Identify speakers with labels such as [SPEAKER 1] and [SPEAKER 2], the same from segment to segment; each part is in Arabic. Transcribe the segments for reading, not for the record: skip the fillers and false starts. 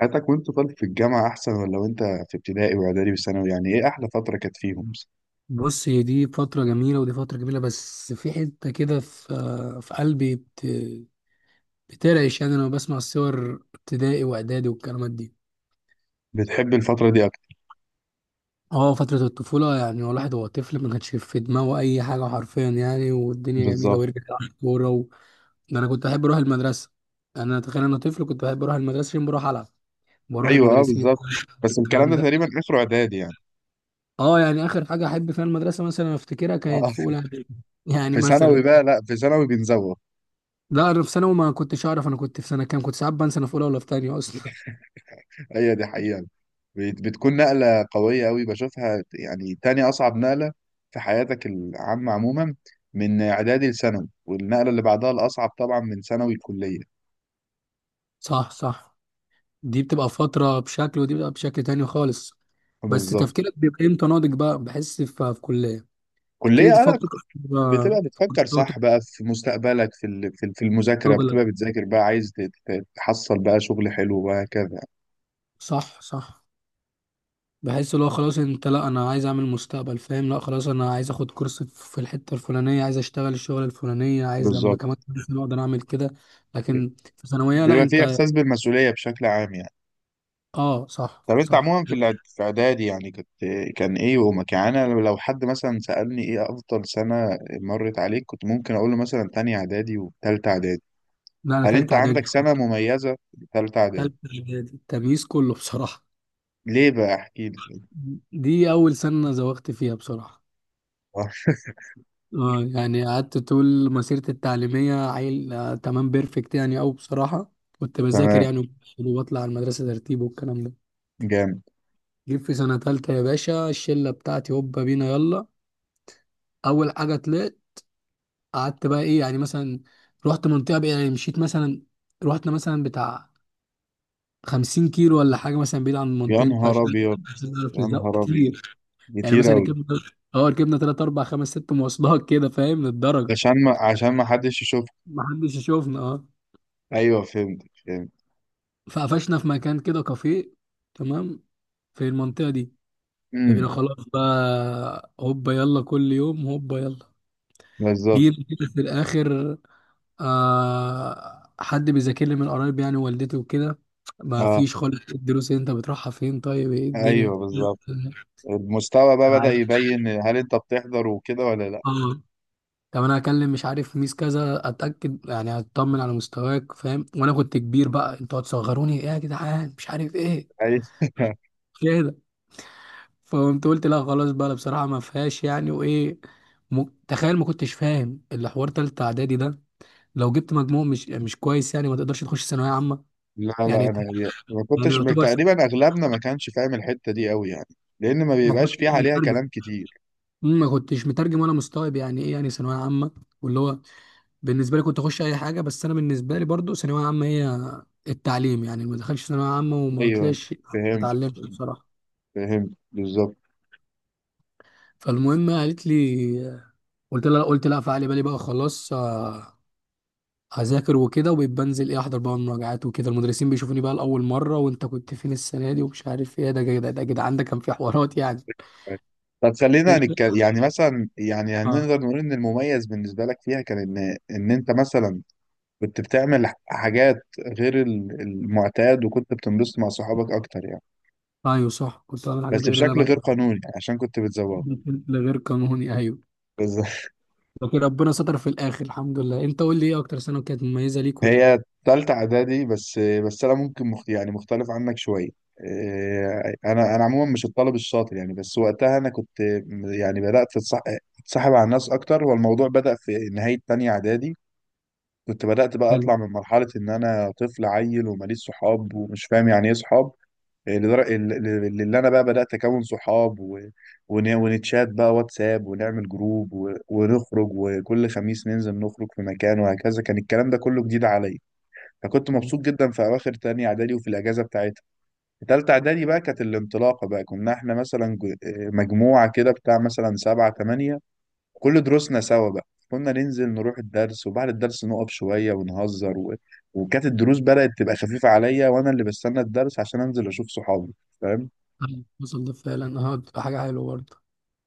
[SPEAKER 1] حياتك وانت طالب في الجامعة أحسن ولا وانت في ابتدائي وإعدادي وثانوي، يعني إيه أحلى فترة كانت فيهم؟ مثلا؟
[SPEAKER 2] بص، هي دي فترة جميلة ودي فترة جميلة، بس في حتة كده في قلبي بترعش. يعني أنا بسمع الصور ابتدائي وإعدادي والكلمات دي.
[SPEAKER 1] بتحب الفترة دي أكتر؟
[SPEAKER 2] اه، فترة الطفولة. يعني هو الواحد وهو طفل ما كانش في دماغه أي حاجة، حرفيا يعني، والدنيا جميلة
[SPEAKER 1] بالظبط.
[SPEAKER 2] ويرجع يلعب كورة ده أنا كنت بحب أروح المدرسة. يعني أنا تخيل أنا طفل كنت بحب أروح المدرسة عشان بروح ألعب، بروح
[SPEAKER 1] أيوه، أه،
[SPEAKER 2] المدرسين
[SPEAKER 1] بالظبط.
[SPEAKER 2] يقولوا لي
[SPEAKER 1] بس الكلام
[SPEAKER 2] الكلام
[SPEAKER 1] ده
[SPEAKER 2] ده.
[SPEAKER 1] تقريبا آخره إعدادي يعني.
[SPEAKER 2] اه، يعني آخر حاجة أحب فيها المدرسة مثلا أفتكرها كانت
[SPEAKER 1] آه.
[SPEAKER 2] في أولى إعدادي. يعني
[SPEAKER 1] في ثانوي
[SPEAKER 2] مثلا،
[SPEAKER 1] بقى، لا، في ثانوي بنزوغ.
[SPEAKER 2] لا انا في ثانوي ما كنتش اعرف انا كنت في سنه كام، كنت ساعات بنسى انا في اولى ولا في تانية اصلا.
[SPEAKER 1] هي دي حقيقة. بتكون نقلة قوية أوي، بشوفها يعني تاني أصعب نقلة في حياتك العامة عموما، من إعدادي لثانوي، والنقلة اللي بعدها الأصعب طبعا من ثانوي لكلية.
[SPEAKER 2] صح صح. دي بتبقى فتره بشكل ودي بتبقى بشكل تاني خالص. بس
[SPEAKER 1] بالظبط.
[SPEAKER 2] تفكيرك بيبقى امتى ناضج؟ بقى بحس في كليه تبتدي
[SPEAKER 1] كلية أنا
[SPEAKER 2] تفكر بقى
[SPEAKER 1] بتبقى
[SPEAKER 2] في
[SPEAKER 1] بتفكر
[SPEAKER 2] كورساتك،
[SPEAKER 1] صح
[SPEAKER 2] في
[SPEAKER 1] بقى في مستقبلك، في في المذاكرة،
[SPEAKER 2] شغلك.
[SPEAKER 1] بتبقى بتذاكر بقى، عايز تحصل بقى شغل حلو وهكذا.
[SPEAKER 2] صح صح. بحس اللي هو خلاص انت، لا انا عايز اعمل مستقبل، فاهم؟ لا خلاص انا عايز اخد كورس في الحته الفلانيه، عايز اشتغل الشغل الفلانيه، عايز لما
[SPEAKER 1] بالظبط.
[SPEAKER 2] كمان سنه اقدر اعمل كده. لكن في ثانويه لا
[SPEAKER 1] بيبقى في
[SPEAKER 2] انت.
[SPEAKER 1] إحساس بالمسؤولية بشكل عام يعني.
[SPEAKER 2] اه صح
[SPEAKER 1] طب أنت
[SPEAKER 2] صح.
[SPEAKER 1] عموما في في إعدادي يعني كنت، كان إيه يومك؟ يعني أنا لو حد مثلا سألني إيه أفضل سنة مرت عليك، كنت ممكن أقول له مثلا تانية إعدادي وتالتة إعدادي.
[SPEAKER 2] لا انا
[SPEAKER 1] هل أنت
[SPEAKER 2] تالتة اعدادي.
[SPEAKER 1] عندك سنة مميزة في تالتة إعدادي؟
[SPEAKER 2] تالتة إعدادي التمييز كله بصراحة.
[SPEAKER 1] ليه بقى، احكي لي.
[SPEAKER 2] دي أول سنة زوغت فيها بصراحة.
[SPEAKER 1] آه،
[SPEAKER 2] اه، يعني قعدت طول مسيرتي التعليمية عيل، آه تمام، بيرفكت يعني أوي بصراحة. كنت بذاكر
[SPEAKER 1] تمام.
[SPEAKER 2] يعني وبطلع على المدرسة ترتيب والكلام ده.
[SPEAKER 1] جامد.
[SPEAKER 2] جيت في سنة تالتة يا باشا، الشلة بتاعتي هوبا بينا يلا. أول حاجة طلعت، قعدت بقى إيه يعني، مثلا رحت منطقة بقى يعني، مشيت مثلا، رحنا مثلا بتاع 50 كيلو ولا حاجة، مثلا بعيد عن
[SPEAKER 1] يا
[SPEAKER 2] منطقتنا
[SPEAKER 1] نهار
[SPEAKER 2] عشان
[SPEAKER 1] أبيض،
[SPEAKER 2] نعرف
[SPEAKER 1] يا
[SPEAKER 2] نزوغ
[SPEAKER 1] نهار أبيض،
[SPEAKER 2] كتير. يعني
[SPEAKER 1] كتير
[SPEAKER 2] مثلا
[SPEAKER 1] أوي.
[SPEAKER 2] ركبنا، اه ركبنا تلات اربع خمس ست مواصلات كده، فاهم للدرجه،
[SPEAKER 1] عشان ما حدش يشوف.
[SPEAKER 2] ما حدش يشوفنا، اه.
[SPEAKER 1] أيوه، فهمت، فهمت.
[SPEAKER 2] فقفشنا في مكان كده كافيه، تمام، في المنطقه دي. فبقينا
[SPEAKER 1] امم.
[SPEAKER 2] خلاص بقى هوبا يلا كل يوم هوبا يلا.
[SPEAKER 1] بالظبط.
[SPEAKER 2] جينا كده في الاخر، آه حد بيذاكر لي من قرايب يعني، والدتي وكده، ما
[SPEAKER 1] اه،
[SPEAKER 2] فيش خالص، إيه الدروس اللي انت بتروحها؟ فين؟ طيب ايه الدنيا؟
[SPEAKER 1] أيوه، بالظبط. المستوى بقى بدأ
[SPEAKER 2] عارف.
[SPEAKER 1] يبين هل أنت بتحضر وكده ولا لأ.
[SPEAKER 2] اه. طب انا هكلم، مش عارف، ميس كذا، اتاكد يعني اطمن على مستواك، فاهم؟ وانا كنت كبير بقى، انتوا هتصغروني ايه يا جدعان، مش عارف ايه
[SPEAKER 1] أيوة.
[SPEAKER 2] كده. فقمت قلت لا خلاص بقى، لا بصراحه ما فيهاش يعني. وايه تخيل ما كنتش فاهم اللي حوار تالتة اعدادي ده. لو جبت مجموع مش كويس يعني ما تقدرش تخش ثانويه عامه
[SPEAKER 1] لا لا،
[SPEAKER 2] يعني
[SPEAKER 1] أنا ما
[SPEAKER 2] يعني
[SPEAKER 1] كنتش، تقريبا أغلبنا ما كانش فاهم الحتة دي أوي يعني، لأن ما
[SPEAKER 2] ما
[SPEAKER 1] بيبقاش فيه
[SPEAKER 2] كنتش
[SPEAKER 1] عليها
[SPEAKER 2] مترجم.
[SPEAKER 1] كلام كتير.
[SPEAKER 2] ما كنتش مترجم ولا مستوعب يعني ايه يعني ثانويه عامه. واللي هو بالنسبه لي كنت اخش اي حاجه، بس انا بالنسبه لي برضو ثانويه عامه هي التعليم. يعني ما دخلش ثانويه عامه وما
[SPEAKER 1] أيوه،
[SPEAKER 2] طلعش ما
[SPEAKER 1] فهمت،
[SPEAKER 2] اتعلمش بصراحه.
[SPEAKER 1] فهمت، بالظبط.
[SPEAKER 2] فالمهم قالت لي، قلت لها فعلي بالي بقى خلاص، آه، هذاكر وكده وبنزل ايه احضر بقى المراجعات وكده. المدرسين بيشوفوني بقى لاول مره، وانت كنت فين السنه دي ومش عارف ايه، ده كده ده كده عندك، كان في حوارات يعني.
[SPEAKER 1] طب خلينا نتكلم يعني، مثلا يعني
[SPEAKER 2] اه.
[SPEAKER 1] هنقدر نقول ان المميز بالنسبه لك فيها كان ان انت مثلا كنت بتعمل حاجات غير المعتاد، وكنت بتنبسط مع صحابك اكتر يعني،
[SPEAKER 2] ايوه صح، كنت بعمل حاجات
[SPEAKER 1] بس
[SPEAKER 2] غير اللي انا
[SPEAKER 1] بشكل غير
[SPEAKER 2] بعملها.
[SPEAKER 1] قانوني يعني عشان كنت بتزوغ.
[SPEAKER 2] ده غير قانوني ايوه.
[SPEAKER 1] بس
[SPEAKER 2] لكن ربنا ستر في الاخر، الحمد لله. انت قول لي ايه اكتر سنه كانت مميزه ليك
[SPEAKER 1] هي
[SPEAKER 2] وليه.
[SPEAKER 1] تالتة اعدادي. بس انا ممكن يعني مختلف عنك شوية. إيه، انا عموما مش الطالب الشاطر يعني، بس وقتها انا كنت، يعني بدأت اتصاحب على الناس اكتر، والموضوع بدأ في نهاية تانية اعدادي. كنت بدأت بقى اطلع من مرحلة ان انا طفل عيل وماليش صحاب ومش فاهم يعني ايه صحاب، لدر- ل- اللي انا بقى بدات اكون صحاب ونتشات بقى واتساب، ونعمل جروب ونخرج، وكل خميس ننزل نخرج في مكان وهكذا. كان الكلام ده كله جديد عليا، فكنت
[SPEAKER 2] مم.
[SPEAKER 1] مبسوط جدا في اواخر تانية اعدادي وفي الاجازه بتاعتها. في تالتة اعدادي بقى كانت الانطلاقه بقى، كنا احنا مثلا مجموعه كده بتاع مثلا سبعة تمانية، كل دروسنا سوا بقى، كنا ننزل نروح الدرس وبعد الدرس نقف شويه ونهزر، و... وكانت الدروس بدات تبقى خفيفه عليا وانا اللي بستنى الدرس عشان انزل اشوف صحابي، فاهم؟
[SPEAKER 2] أيوة، وصل ده فعلا. اه بتبقى حاجه حلوه برضه.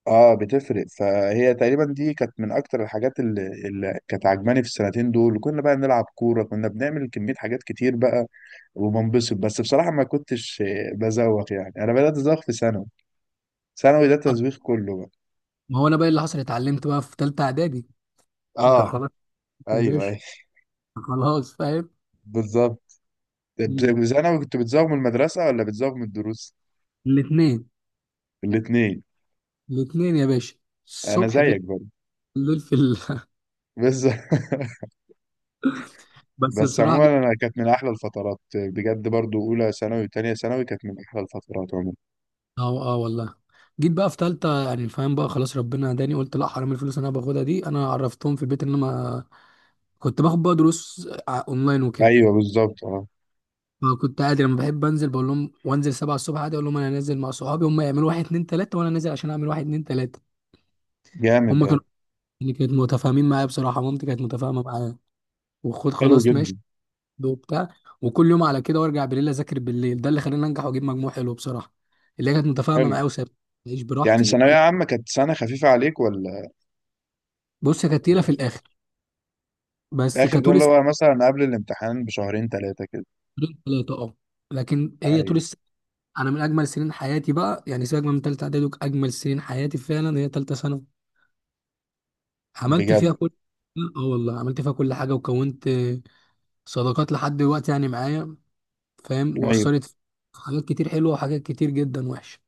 [SPEAKER 1] اه، بتفرق. فهي تقريبا دي كانت من اكتر الحاجات اللي كانت عجباني في السنتين دول. كنا بقى نلعب كوره، كنا بنعمل كميه حاجات كتير بقى وبنبسط. بس بصراحه ما كنتش، بزوق يعني، انا بدات ازوق في ثانوي. ثانوي ده
[SPEAKER 2] آه،
[SPEAKER 1] تزويق كله بقى.
[SPEAKER 2] ما هو انا بقى اللي حصل اتعلمت بقى في ثالثه اعدادي. انت
[SPEAKER 1] اه،
[SPEAKER 2] خلاص يا
[SPEAKER 1] ايوه
[SPEAKER 2] باشا.
[SPEAKER 1] ايوه،
[SPEAKER 2] خلاص فاهم.
[SPEAKER 1] بالظبط.
[SPEAKER 2] مم.
[SPEAKER 1] ثانوي كنت بتزوق من المدرسه ولا بتزوق من الدروس؟
[SPEAKER 2] الاثنين.
[SPEAKER 1] الاثنين.
[SPEAKER 2] الاثنين يا باشا.
[SPEAKER 1] انا
[SPEAKER 2] الصبح في
[SPEAKER 1] زيك برضه.
[SPEAKER 2] الليل
[SPEAKER 1] بس
[SPEAKER 2] بس
[SPEAKER 1] بس
[SPEAKER 2] بصراحه جيت.
[SPEAKER 1] عموما انا كانت من احلى الفترات بجد، برضو اولى ثانوي وثانيه ثانوي كانت من احلى الفترات عموما.
[SPEAKER 2] اه اه والله. جيت بقى في ثالثه يعني، فاهم بقى خلاص ربنا هداني، قلت لا حرام الفلوس اللي انا باخدها دي. انا عرفتهم في البيت ان انا كنت باخد بقى دروس اونلاين وكده.
[SPEAKER 1] ايوه بالظبط، اه،
[SPEAKER 2] فكنت عادي لما بحب انزل بقول لهم، وانزل 7 الصبح عادي اقول لهم انا نازل مع صحابي، هم يعملوا واحد اتنين تلاته وانا نازل عشان اعمل واحد اتنين تلاته.
[SPEAKER 1] جامد
[SPEAKER 2] هما كانوا
[SPEAKER 1] ده.
[SPEAKER 2] يعني كانت متفاهمين معايا بصراحه، مامتي كانت متفاهمه معايا، وخد
[SPEAKER 1] حلو
[SPEAKER 2] خلاص
[SPEAKER 1] جدا.
[SPEAKER 2] ماشي وبتاع. وكل يوم على كده، وارجع بالليل اذاكر بالليل. ده اللي خلاني انجح واجيب مجموع حلو بصراحه، اللي هي كانت متفاهمه
[SPEAKER 1] حلو.
[SPEAKER 2] معايا وسابت اعيش
[SPEAKER 1] يعني
[SPEAKER 2] براحتي
[SPEAKER 1] ثانوية عامة كانت سنة خفيفة عليك ولا
[SPEAKER 2] بص هي كانت تقيله
[SPEAKER 1] ولا
[SPEAKER 2] في
[SPEAKER 1] إيه؟
[SPEAKER 2] الاخر، بس
[SPEAKER 1] الآخر ده
[SPEAKER 2] كطول
[SPEAKER 1] اللي
[SPEAKER 2] السنه.
[SPEAKER 1] هو مثلا قبل الامتحان بشهرين ثلاثة كده.
[SPEAKER 2] ثلاثه اه. لكن هي طول
[SPEAKER 1] أيوة
[SPEAKER 2] السنه انا من اجمل سنين حياتي بقى، يعني سيبك من ثالثه اعدادي، اجمل سنين حياتي فعلا هي ثالثه ثانوي. عملت
[SPEAKER 1] بجد،
[SPEAKER 2] فيها كل، اه والله عملت فيها كل حاجه، وكونت صداقات لحد دلوقتي يعني معايا، فاهم،
[SPEAKER 1] أيوة.
[SPEAKER 2] واثرت في حاجات كتير حلوه وحاجات كتير جدا وحشه.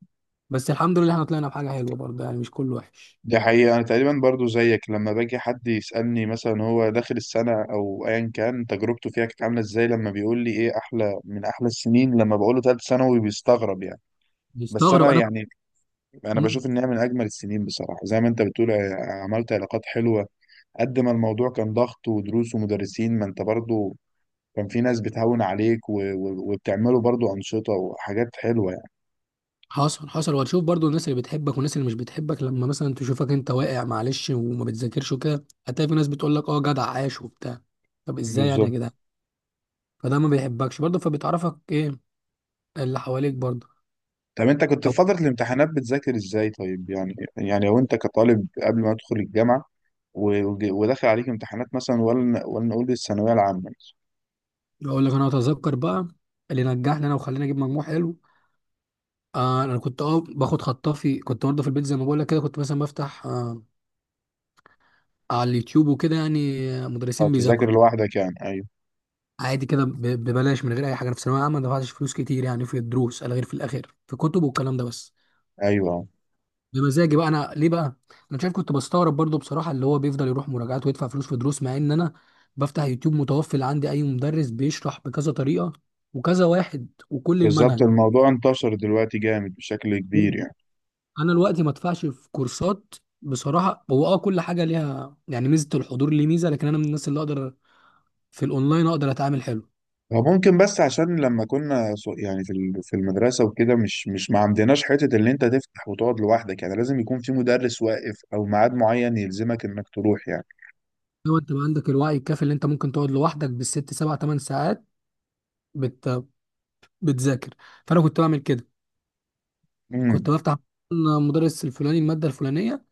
[SPEAKER 2] بس الحمد لله احنا طلعنا بحاجه حلوه برضه، يعني مش كله وحش.
[SPEAKER 1] دي حقيقة. أنا تقريبا برضو زيك، لما باجي حد يسألني مثلا هو داخل السنة أو أيا كان تجربته فيها كانت عاملة إزاي، لما بيقول لي إيه أحلى من أحلى السنين، لما بقوله تالت ثانوي بيستغرب يعني. بس
[SPEAKER 2] مستغرب
[SPEAKER 1] أنا
[SPEAKER 2] انا.
[SPEAKER 1] يعني، أنا
[SPEAKER 2] مم.
[SPEAKER 1] بشوف إنها من أجمل السنين بصراحة. زي ما أنت بتقول، عملت علاقات حلوة، قد ما الموضوع كان ضغط ودروس ومدرسين، ما انت برضو كان في ناس بتهون عليك وبتعملوا برضو أنشطة وحاجات حلوة يعني.
[SPEAKER 2] حصل حصل، وهتشوف برضو الناس اللي بتحبك والناس اللي مش بتحبك. لما مثلا تشوفك انت واقع، معلش وما بتذاكرش وكده، هتلاقي في ناس بتقول لك اه جدع عاش وبتاع. طب ازاي يعني يا
[SPEAKER 1] بالظبط.
[SPEAKER 2] جدع؟ فده ما بيحبكش برضو، فبتعرفك ايه اللي حواليك برضو.
[SPEAKER 1] طب انت كنت في
[SPEAKER 2] طب
[SPEAKER 1] فترة الامتحانات بتذاكر ازاي طيب؟ يعني لو انت كطالب قبل ما تدخل الجامعة، وداخل عليك امتحانات مثلا، ولا نقول الثانوية العامة مثلا.
[SPEAKER 2] اقول لك انا اتذكر بقى اللي نجحني انا وخلينا اجيب مجموع حلو. آه انا كنت اه باخد خطافي، كنت برضه في البيت زي ما بقول لك كده، كنت مثلا بفتح آه، على اليوتيوب وكده يعني،
[SPEAKER 1] أو
[SPEAKER 2] مدرسين
[SPEAKER 1] تذاكر
[SPEAKER 2] بيذاكروا
[SPEAKER 1] لوحدك يعني؟ ايوه،
[SPEAKER 2] عادي كده ببلاش من غير اي حاجه. أنا في ثانويه عامه ما دفعتش فلوس كتير يعني في الدروس، على غير في الاخر في كتب والكلام ده بس.
[SPEAKER 1] ايوه،
[SPEAKER 2] بمزاجي بقى انا، ليه بقى؟ انا شايف كنت بستغرب برضو بصراحه اللي هو بيفضل يروح مراجعات ويدفع فلوس في دروس، مع ان انا بفتح يوتيوب متوفر عندي اي مدرس بيشرح بكذا طريقه وكذا واحد وكل
[SPEAKER 1] بالظبط.
[SPEAKER 2] المنهج.
[SPEAKER 1] الموضوع انتشر دلوقتي جامد بشكل كبير يعني.
[SPEAKER 2] انا دلوقتي ما ادفعش في كورسات بصراحه. هو اه كل حاجه ليها يعني ميزه، الحضور ليه ميزه، لكن انا من الناس اللي اقدر في الاونلاين اقدر اتعامل حلو.
[SPEAKER 1] هو ممكن، بس عشان لما كنا يعني في في المدرسة وكده، مش ما عندناش حتة اللي انت تفتح وتقعد لوحدك يعني. لازم يكون في مدرس واقف او ميعاد معين يلزمك انك تروح يعني.
[SPEAKER 2] لو انت ما عندك الوعي الكافي اللي انت ممكن تقعد لوحدك بالست سبع ثمان ساعات بت... بتذاكر. فانا كنت بعمل كده،
[SPEAKER 1] امم،
[SPEAKER 2] كنت بفتح مدرس الفلاني الماده الفلانيه،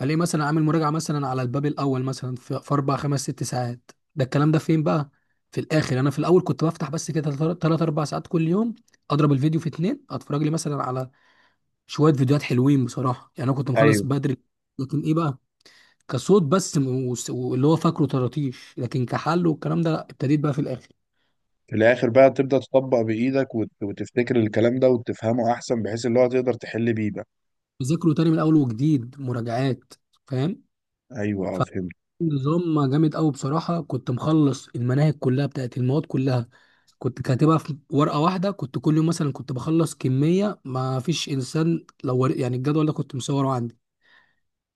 [SPEAKER 2] الاقي مثلا عامل مراجعه مثلا على الباب الاول مثلا في 4 5 6 ساعات، ده الكلام ده فين بقى؟ في الاخر، انا في الاول كنت بفتح بس كده 3 4 ساعات كل يوم، اضرب الفيديو في 2، اتفرج لي مثلا على شويه فيديوهات حلوين بصراحه، يعني انا كنت مخلص
[SPEAKER 1] ايوه.
[SPEAKER 2] بدري. لكن ايه بقى؟ كصوت بس واللي هو فاكره طراطيش، لكن كحل والكلام ده لا، ابتديت بقى في الاخر
[SPEAKER 1] في الاخر بقى تبدأ تطبق بايدك وتفتكر الكلام ده وتفهمه احسن بحيث اللي هو تقدر تحل بيه بقى.
[SPEAKER 2] ذاكره تاني من اول وجديد مراجعات، فاهم.
[SPEAKER 1] ايوه، اه، فهمت،
[SPEAKER 2] فنظام جامد قوي بصراحه، كنت مخلص المناهج كلها بتاعت المواد كلها، كنت كاتبها في ورقه واحده. كنت كل يوم مثلا كنت بخلص كميه ما فيش انسان، لو يعني الجدول ده كنت مصوره عندي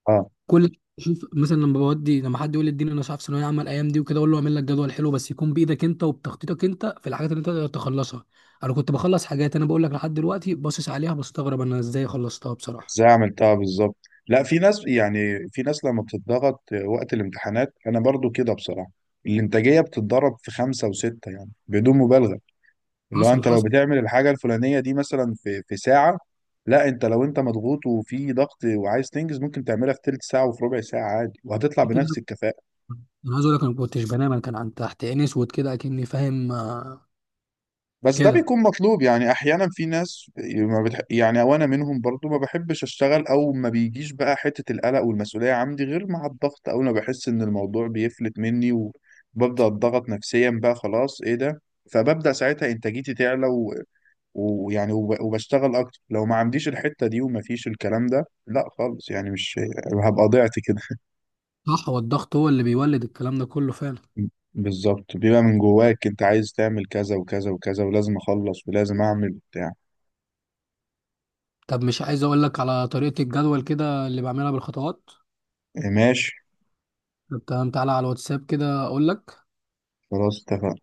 [SPEAKER 1] اه.
[SPEAKER 2] كل، شوف مثلا لما بودي لما حد يقول لي اديني انا مش عارف ثانويه عامه الايام دي وكده، اقول له اعمل لك جدول حلو بس يكون بايدك انت وبتخطيطك انت في الحاجات اللي انت تقدر تخلصها. انا كنت بخلص حاجات انا بقول لك لحد دلوقتي باصص عليها بستغرب انا ازاي خلصتها بصراحه.
[SPEAKER 1] ازاي عملتها بالظبط؟ لا، في ناس، يعني في ناس لما بتتضغط وقت الامتحانات، انا برضو كده بصراحة. الانتاجية بتتضرب في خمسة وستة يعني بدون مبالغة. اللي هو
[SPEAKER 2] حصل
[SPEAKER 1] انت لو
[SPEAKER 2] حصل
[SPEAKER 1] بتعمل الحاجه الفلانيه دي مثلا في ساعه، لا انت، لو انت مضغوط وفي ضغط وعايز تنجز، ممكن تعملها في تلت ساعه وفي ربع ساعه عادي، وهتطلع
[SPEAKER 2] كده.
[SPEAKER 1] بنفس الكفاءه.
[SPEAKER 2] انا عايز اقول لك انا ما كنتش بنام، انا كان عن تحت عيني اسود كده اكني، فاهم، آه،
[SPEAKER 1] بس ده
[SPEAKER 2] كده.
[SPEAKER 1] بيكون مطلوب يعني احيانا. في ناس ما بتح... يعني وانا منهم برضو، ما بحبش اشتغل او ما بيجيش بقى حته القلق والمسؤوليه عندي غير مع الضغط. اول ما بحس ان الموضوع بيفلت مني وببدا اتضغط نفسيا بقى، خلاص ايه ده، فببدا ساعتها انتاجيتي تعلى، ويعني وبشتغل اكتر. لو ما عنديش الحتة دي وما فيش الكلام ده، لا خالص يعني مش هبقى ضيعت كده.
[SPEAKER 2] صح، هو الضغط هو اللي بيولد الكلام ده كله فعلا.
[SPEAKER 1] بالظبط، بيبقى من جواك انت عايز تعمل كذا وكذا وكذا، ولازم اخلص ولازم اعمل بتاع.
[SPEAKER 2] طب مش عايز اقول لك على طريقة الجدول كده اللي بعملها بالخطوات؟
[SPEAKER 1] ماشي.
[SPEAKER 2] طب تمام، تعالى على الواتساب كده اقول لك.
[SPEAKER 1] خلاص اتفقنا.